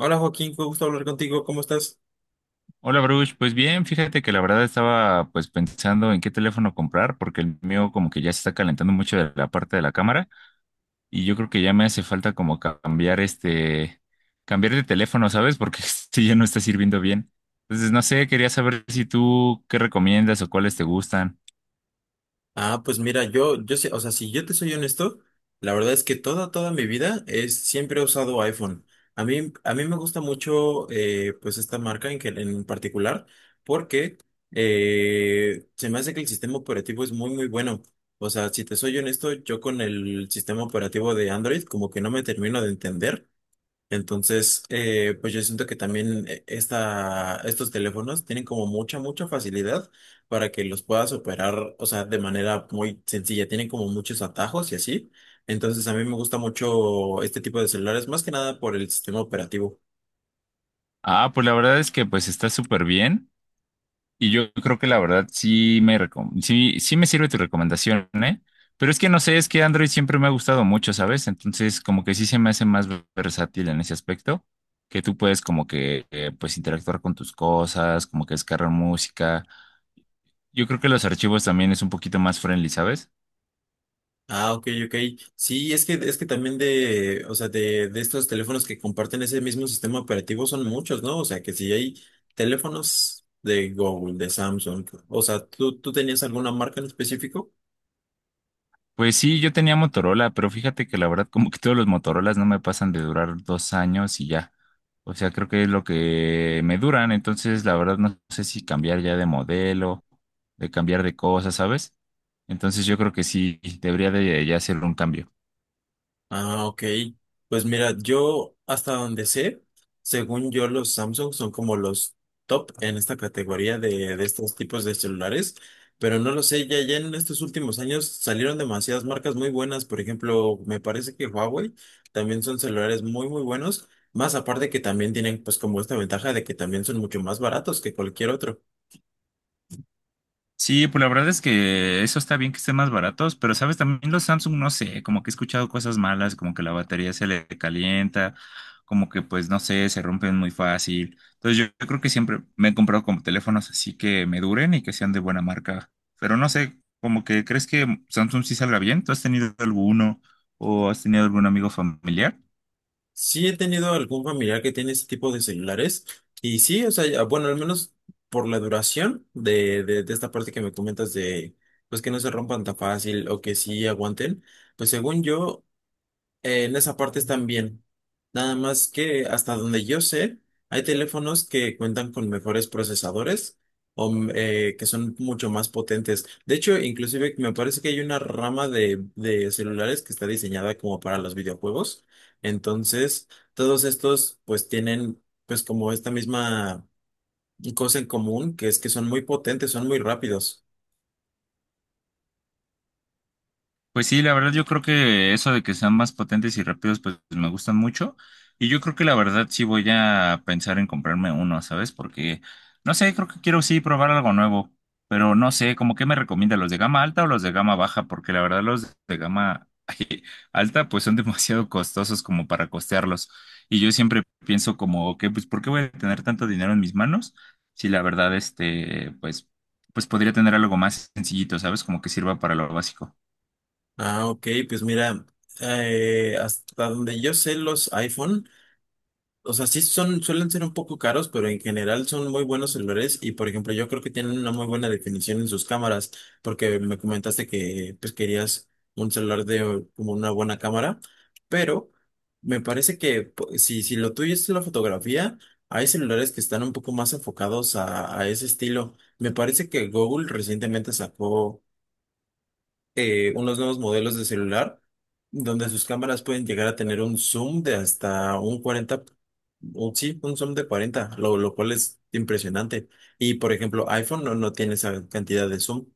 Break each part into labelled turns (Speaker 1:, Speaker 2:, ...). Speaker 1: Hola Joaquín, fue gusto hablar contigo, ¿cómo estás?
Speaker 2: Hola Bruce, pues bien, fíjate que la verdad estaba pues pensando en qué teléfono comprar porque el mío como que ya se está calentando mucho de la parte de la cámara y yo creo que ya me hace falta como cambiar cambiar de teléfono, ¿sabes? Porque este ya no está sirviendo bien. Entonces, no sé, quería saber si tú qué recomiendas o cuáles te gustan.
Speaker 1: Pues mira, yo sé, o sea, si yo te soy honesto, la verdad es que toda mi vida es, siempre he usado iPhone. A mí me gusta mucho, pues esta marca en particular, porque se me hace que el sistema operativo es muy bueno. O sea, si te soy honesto, yo con el sistema operativo de Android como que no me termino de entender. Entonces, pues yo siento que también estos teléfonos tienen como mucha facilidad para que los puedas operar, o sea, de manera muy sencilla. Tienen como muchos atajos y así. Entonces, a mí me gusta mucho este tipo de celulares, más que nada por el sistema operativo.
Speaker 2: Ah, pues la verdad es que pues está súper bien. Y yo creo que la verdad sí, sí me sirve tu recomendación, ¿eh? Pero es que no sé, es que Android siempre me ha gustado mucho, ¿sabes? Entonces, como que sí se me hace más versátil en ese aspecto, que tú puedes como que, pues, interactuar con tus cosas, como que descargar música. Yo creo que los archivos también es un poquito más friendly, ¿sabes?
Speaker 1: Ah, ok, ok. Sí, es que también o sea, de estos teléfonos que comparten ese mismo sistema operativo son muchos, ¿no? O sea, que si hay teléfonos de Google, de Samsung, o sea, tú tenías alguna marca en específico?
Speaker 2: Pues sí, yo tenía Motorola, pero fíjate que la verdad como que todos los Motorolas no me pasan de durar 2 años y ya. O sea, creo que es lo que me duran, entonces la verdad no sé si cambiar ya de modelo, de cambiar de cosas, ¿sabes? Entonces yo creo que sí, debería de ya hacer un cambio.
Speaker 1: Ah, ok. Pues mira, yo hasta donde sé, según yo, los Samsung son como los top en esta categoría de estos tipos de celulares, pero no lo sé, ya en estos últimos años salieron demasiadas marcas muy buenas, por ejemplo, me parece que Huawei también son celulares muy buenos, más aparte que también tienen pues como esta ventaja de que también son mucho más baratos que cualquier otro.
Speaker 2: Sí, pues la verdad es que eso está bien que estén más baratos, pero sabes, también los Samsung, no sé, como que he escuchado cosas malas, como que la batería se le calienta, como que pues no sé, se rompen muy fácil. Entonces yo creo que siempre me he comprado como teléfonos así que me duren y que sean de buena marca. Pero no sé, como que crees que Samsung sí salga bien. ¿Tú has tenido alguno o has tenido algún amigo familiar?
Speaker 1: Sí he tenido algún familiar que tiene ese tipo de celulares y sí, o sea, ya- bueno, al menos por la duración de esta parte que me comentas de, pues que no se rompan tan fácil o que sí aguanten, pues según yo, en esa parte están bien. Nada más que hasta donde yo sé, hay teléfonos que cuentan con mejores procesadores o que son mucho más potentes. De hecho, inclusive me parece que hay una rama de celulares que está diseñada como para los videojuegos. Entonces, todos estos pues tienen pues como esta misma cosa en común, que es que son muy potentes, son muy rápidos.
Speaker 2: Pues sí, la verdad yo creo que eso de que sean más potentes y rápidos, pues me gustan mucho. Y yo creo que la verdad sí voy a pensar en comprarme uno, ¿sabes? Porque, no sé, creo que quiero sí probar algo nuevo, pero no sé, como que me recomienda los de gama alta o los de gama baja, porque la verdad los de gama alta pues son demasiado costosos como para costearlos. Y yo siempre pienso como que, pues, ¿por qué voy a tener tanto dinero en mis manos? Si la verdad, este, pues, pues podría tener algo más sencillito, ¿sabes? Como que sirva para lo básico.
Speaker 1: Ah, ok, pues mira, hasta donde yo sé los iPhone. O sea, sí son, suelen ser un poco caros, pero en general son muy buenos celulares y, por ejemplo, yo creo que tienen una muy buena definición en sus cámaras, porque me comentaste que pues querías un celular de como una buena cámara, pero me parece que si, si lo tuyo es la fotografía, hay celulares que están un poco más enfocados a ese estilo. Me parece que Google recientemente sacó unos nuevos modelos de celular donde sus cámaras pueden llegar a tener un zoom de hasta un 40 sí, un zoom de 40 lo cual es impresionante. Y por ejemplo, iPhone no tiene esa cantidad de zoom.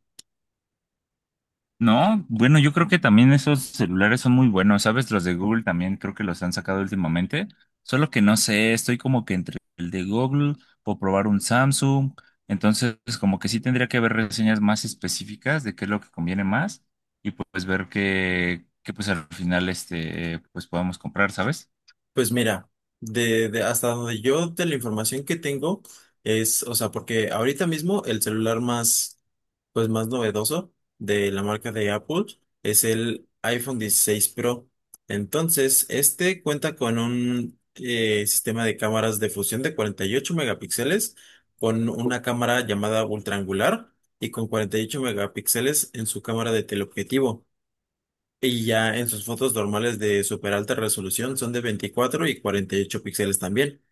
Speaker 2: No, bueno, yo creo que también esos celulares son muy buenos, ¿sabes? Los de Google también creo que los han sacado últimamente, solo que no sé, estoy como que entre el de Google o probar un Samsung, entonces como que sí tendría que haber reseñas más específicas de qué es lo que conviene más y pues ver que pues al final este, pues podamos comprar, ¿sabes?
Speaker 1: Pues mira, de hasta donde yo de la información que tengo es, o sea, porque ahorita mismo el celular más, pues más novedoso de la marca de Apple es el iPhone 16 Pro. Entonces, este cuenta con un sistema de cámaras de fusión de 48 megapíxeles, con una cámara llamada ultraangular y con 48 megapíxeles en su cámara de teleobjetivo. Y ya en sus fotos normales de super alta resolución son de 24 y 48 píxeles también.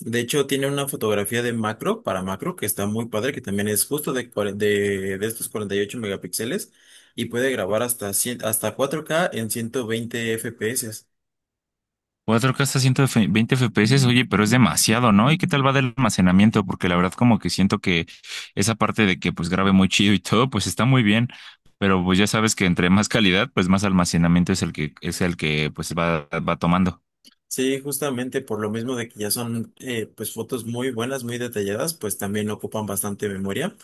Speaker 1: De hecho, tiene una fotografía de macro para macro que está muy padre, que también es justo de estos 48 megapíxeles y puede grabar hasta 100 hasta 4K en 120 FPS.
Speaker 2: 4K hasta 120 FPS, oye, pero es demasiado, ¿no? ¿Y qué tal va del almacenamiento? Porque la verdad como que siento que esa parte de que pues grabe muy chido y todo, pues está muy bien, pero pues ya sabes que entre más calidad, pues más almacenamiento es el que pues va tomando.
Speaker 1: Sí, justamente por lo mismo de que ya son pues fotos muy buenas, muy detalladas, pues también ocupan bastante memoria.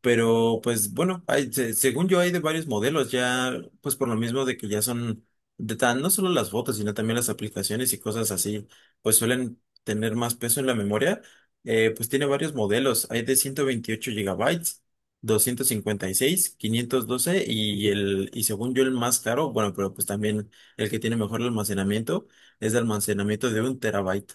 Speaker 1: Pero pues bueno, según yo hay de varios modelos, ya pues por lo mismo de que ya son de tan, no solo las fotos, sino también las aplicaciones y cosas así, pues suelen tener más peso en la memoria. Pues tiene varios modelos, hay de 128 gigabytes, 256, 512 y seis, quinientos doce y según yo el más caro, bueno, pero pues también el que tiene mejor almacenamiento es de almacenamiento de 1 TB.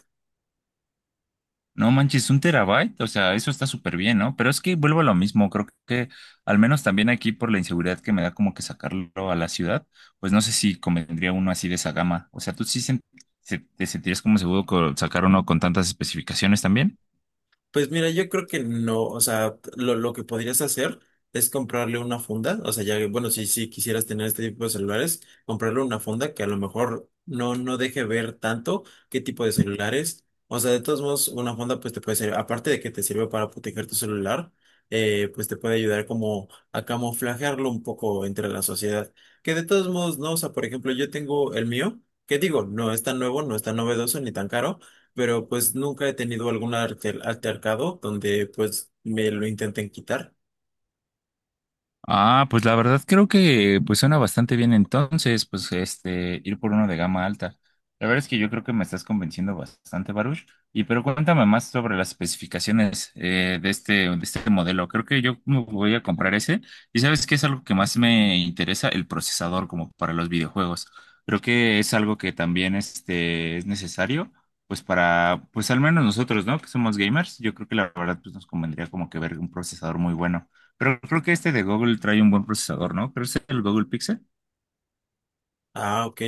Speaker 2: No manches, un terabyte, o sea, eso está súper bien, ¿no? Pero es que vuelvo a lo mismo, creo que al menos también aquí por la inseguridad que me da como que sacarlo a la ciudad, pues no sé si convendría uno así de esa gama. O sea, ¿tú te sentirías como seguro con sacar uno con tantas especificaciones también?
Speaker 1: Pues mira, yo creo que no, o sea, lo que podrías hacer es comprarle una funda, o sea, ya, que, bueno, si, si quisieras tener este tipo de celulares, comprarle una funda que a lo mejor no deje ver tanto qué tipo de celulares, o sea, de todos modos, una funda pues te puede servir, aparte de que te sirve para proteger tu celular, pues te puede ayudar como a camuflajearlo un poco entre la sociedad, que de todos modos, no, o sea, por ejemplo, yo tengo el mío, que digo, no es tan nuevo, no es tan novedoso ni tan caro, pero pues nunca he tenido altercado donde pues me lo intenten quitar.
Speaker 2: Ah, pues la verdad creo que pues suena bastante bien entonces, pues este, ir por uno de gama alta. La verdad es que yo creo que me estás convenciendo bastante, Baruch. Y pero cuéntame más sobre las especificaciones de de este modelo. Creo que yo me voy a comprar ese. Y sabes que es algo que más me interesa, el procesador como para los videojuegos. Creo que es algo que también este, es necesario, pues para, pues al menos nosotros, ¿no? Que somos gamers, yo creo que la verdad pues nos convendría como que ver un procesador muy bueno. Pero creo que este de Google trae un buen procesador, ¿no? Creo que es el Google Pixel.
Speaker 1: Ah, ok.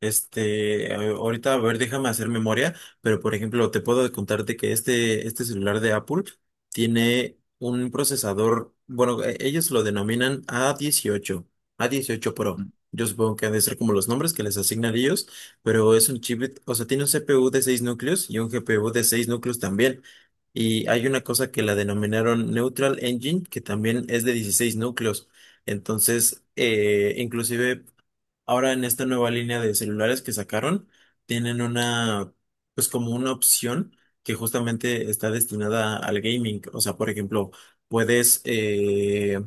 Speaker 1: Este, ahorita, a ver, déjame hacer memoria, pero por ejemplo, te puedo contarte que este celular de Apple tiene un procesador, bueno, ellos lo denominan a 18, a dieciocho Pro. Yo supongo que han de ser como los nombres que les asignan ellos, pero es un chip, o sea, tiene un CPU de 6 núcleos y un GPU de 6 núcleos también. Y hay una cosa que la denominaron Neutral Engine, que también es de 16 núcleos. Entonces, inclusive ahora en esta nueva línea de celulares que sacaron, tienen una, pues como una opción que justamente está destinada al gaming. O sea, por ejemplo, puedes, eh,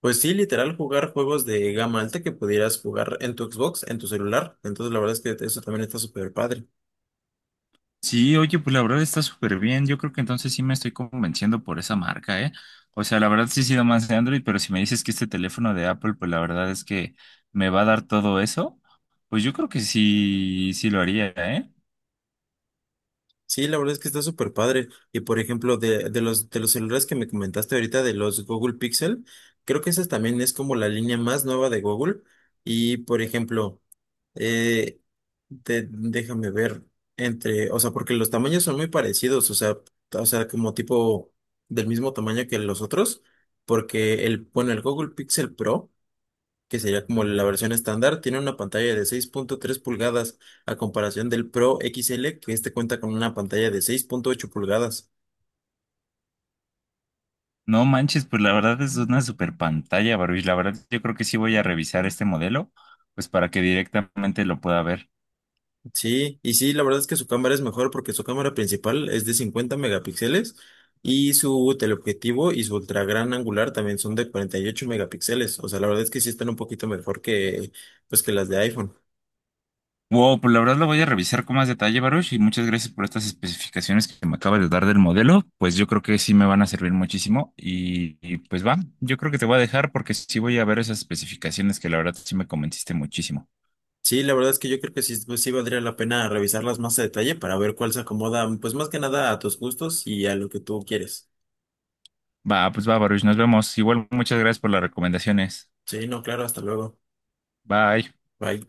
Speaker 1: pues sí, literal, jugar juegos de gama alta que pudieras jugar en tu Xbox, en tu celular. Entonces, la verdad es que eso también está súper padre.
Speaker 2: Sí, oye, pues la verdad está súper bien. Yo creo que entonces sí me estoy convenciendo por esa marca, ¿eh? O sea, la verdad sí he sido más de Android, pero si me dices que este teléfono de Apple, pues la verdad es que me va a dar todo eso, pues yo creo que sí, sí lo haría, ¿eh?
Speaker 1: Sí, la verdad es que está súper padre. Y por ejemplo, de los celulares que me comentaste ahorita, de los Google Pixel, creo que esa también es como la línea más nueva de Google. Y por ejemplo, eh, déjame ver entre, o sea, porque los tamaños son muy parecidos, o sea, como tipo del mismo tamaño que los otros, porque el, bueno, el Google Pixel Pro que sería como la versión estándar, tiene una pantalla de 6,3 pulgadas a comparación del Pro XL, que este cuenta con una pantalla de 6,8 pulgadas.
Speaker 2: No manches, pues la verdad es una super pantalla, Baruch. La verdad yo creo que sí voy a revisar este modelo, pues para que directamente lo pueda ver.
Speaker 1: Sí, la verdad es que su cámara es mejor porque su cámara principal es de 50 megapíxeles y su teleobjetivo y su ultra gran angular también son de 48 megapíxeles. O sea, la verdad es que sí están un poquito mejor que, pues, que las de iPhone.
Speaker 2: Wow, pues la verdad lo voy a revisar con más detalle, Baruch, y muchas gracias por estas especificaciones que me acabas de dar del modelo. Pues yo creo que sí me van a servir muchísimo pues va, yo creo que te voy a dejar porque sí voy a ver esas especificaciones que la verdad sí me convenciste muchísimo.
Speaker 1: Sí, la verdad es que yo creo que sí, pues, sí valdría la pena revisarlas más a detalle para ver cuál se acomoda, pues más que nada a tus gustos y a lo que tú quieres.
Speaker 2: Va, pues va, Baruch, nos vemos. Igual muchas gracias por las recomendaciones.
Speaker 1: Sí, no, claro, hasta luego.
Speaker 2: Bye.
Speaker 1: Bye.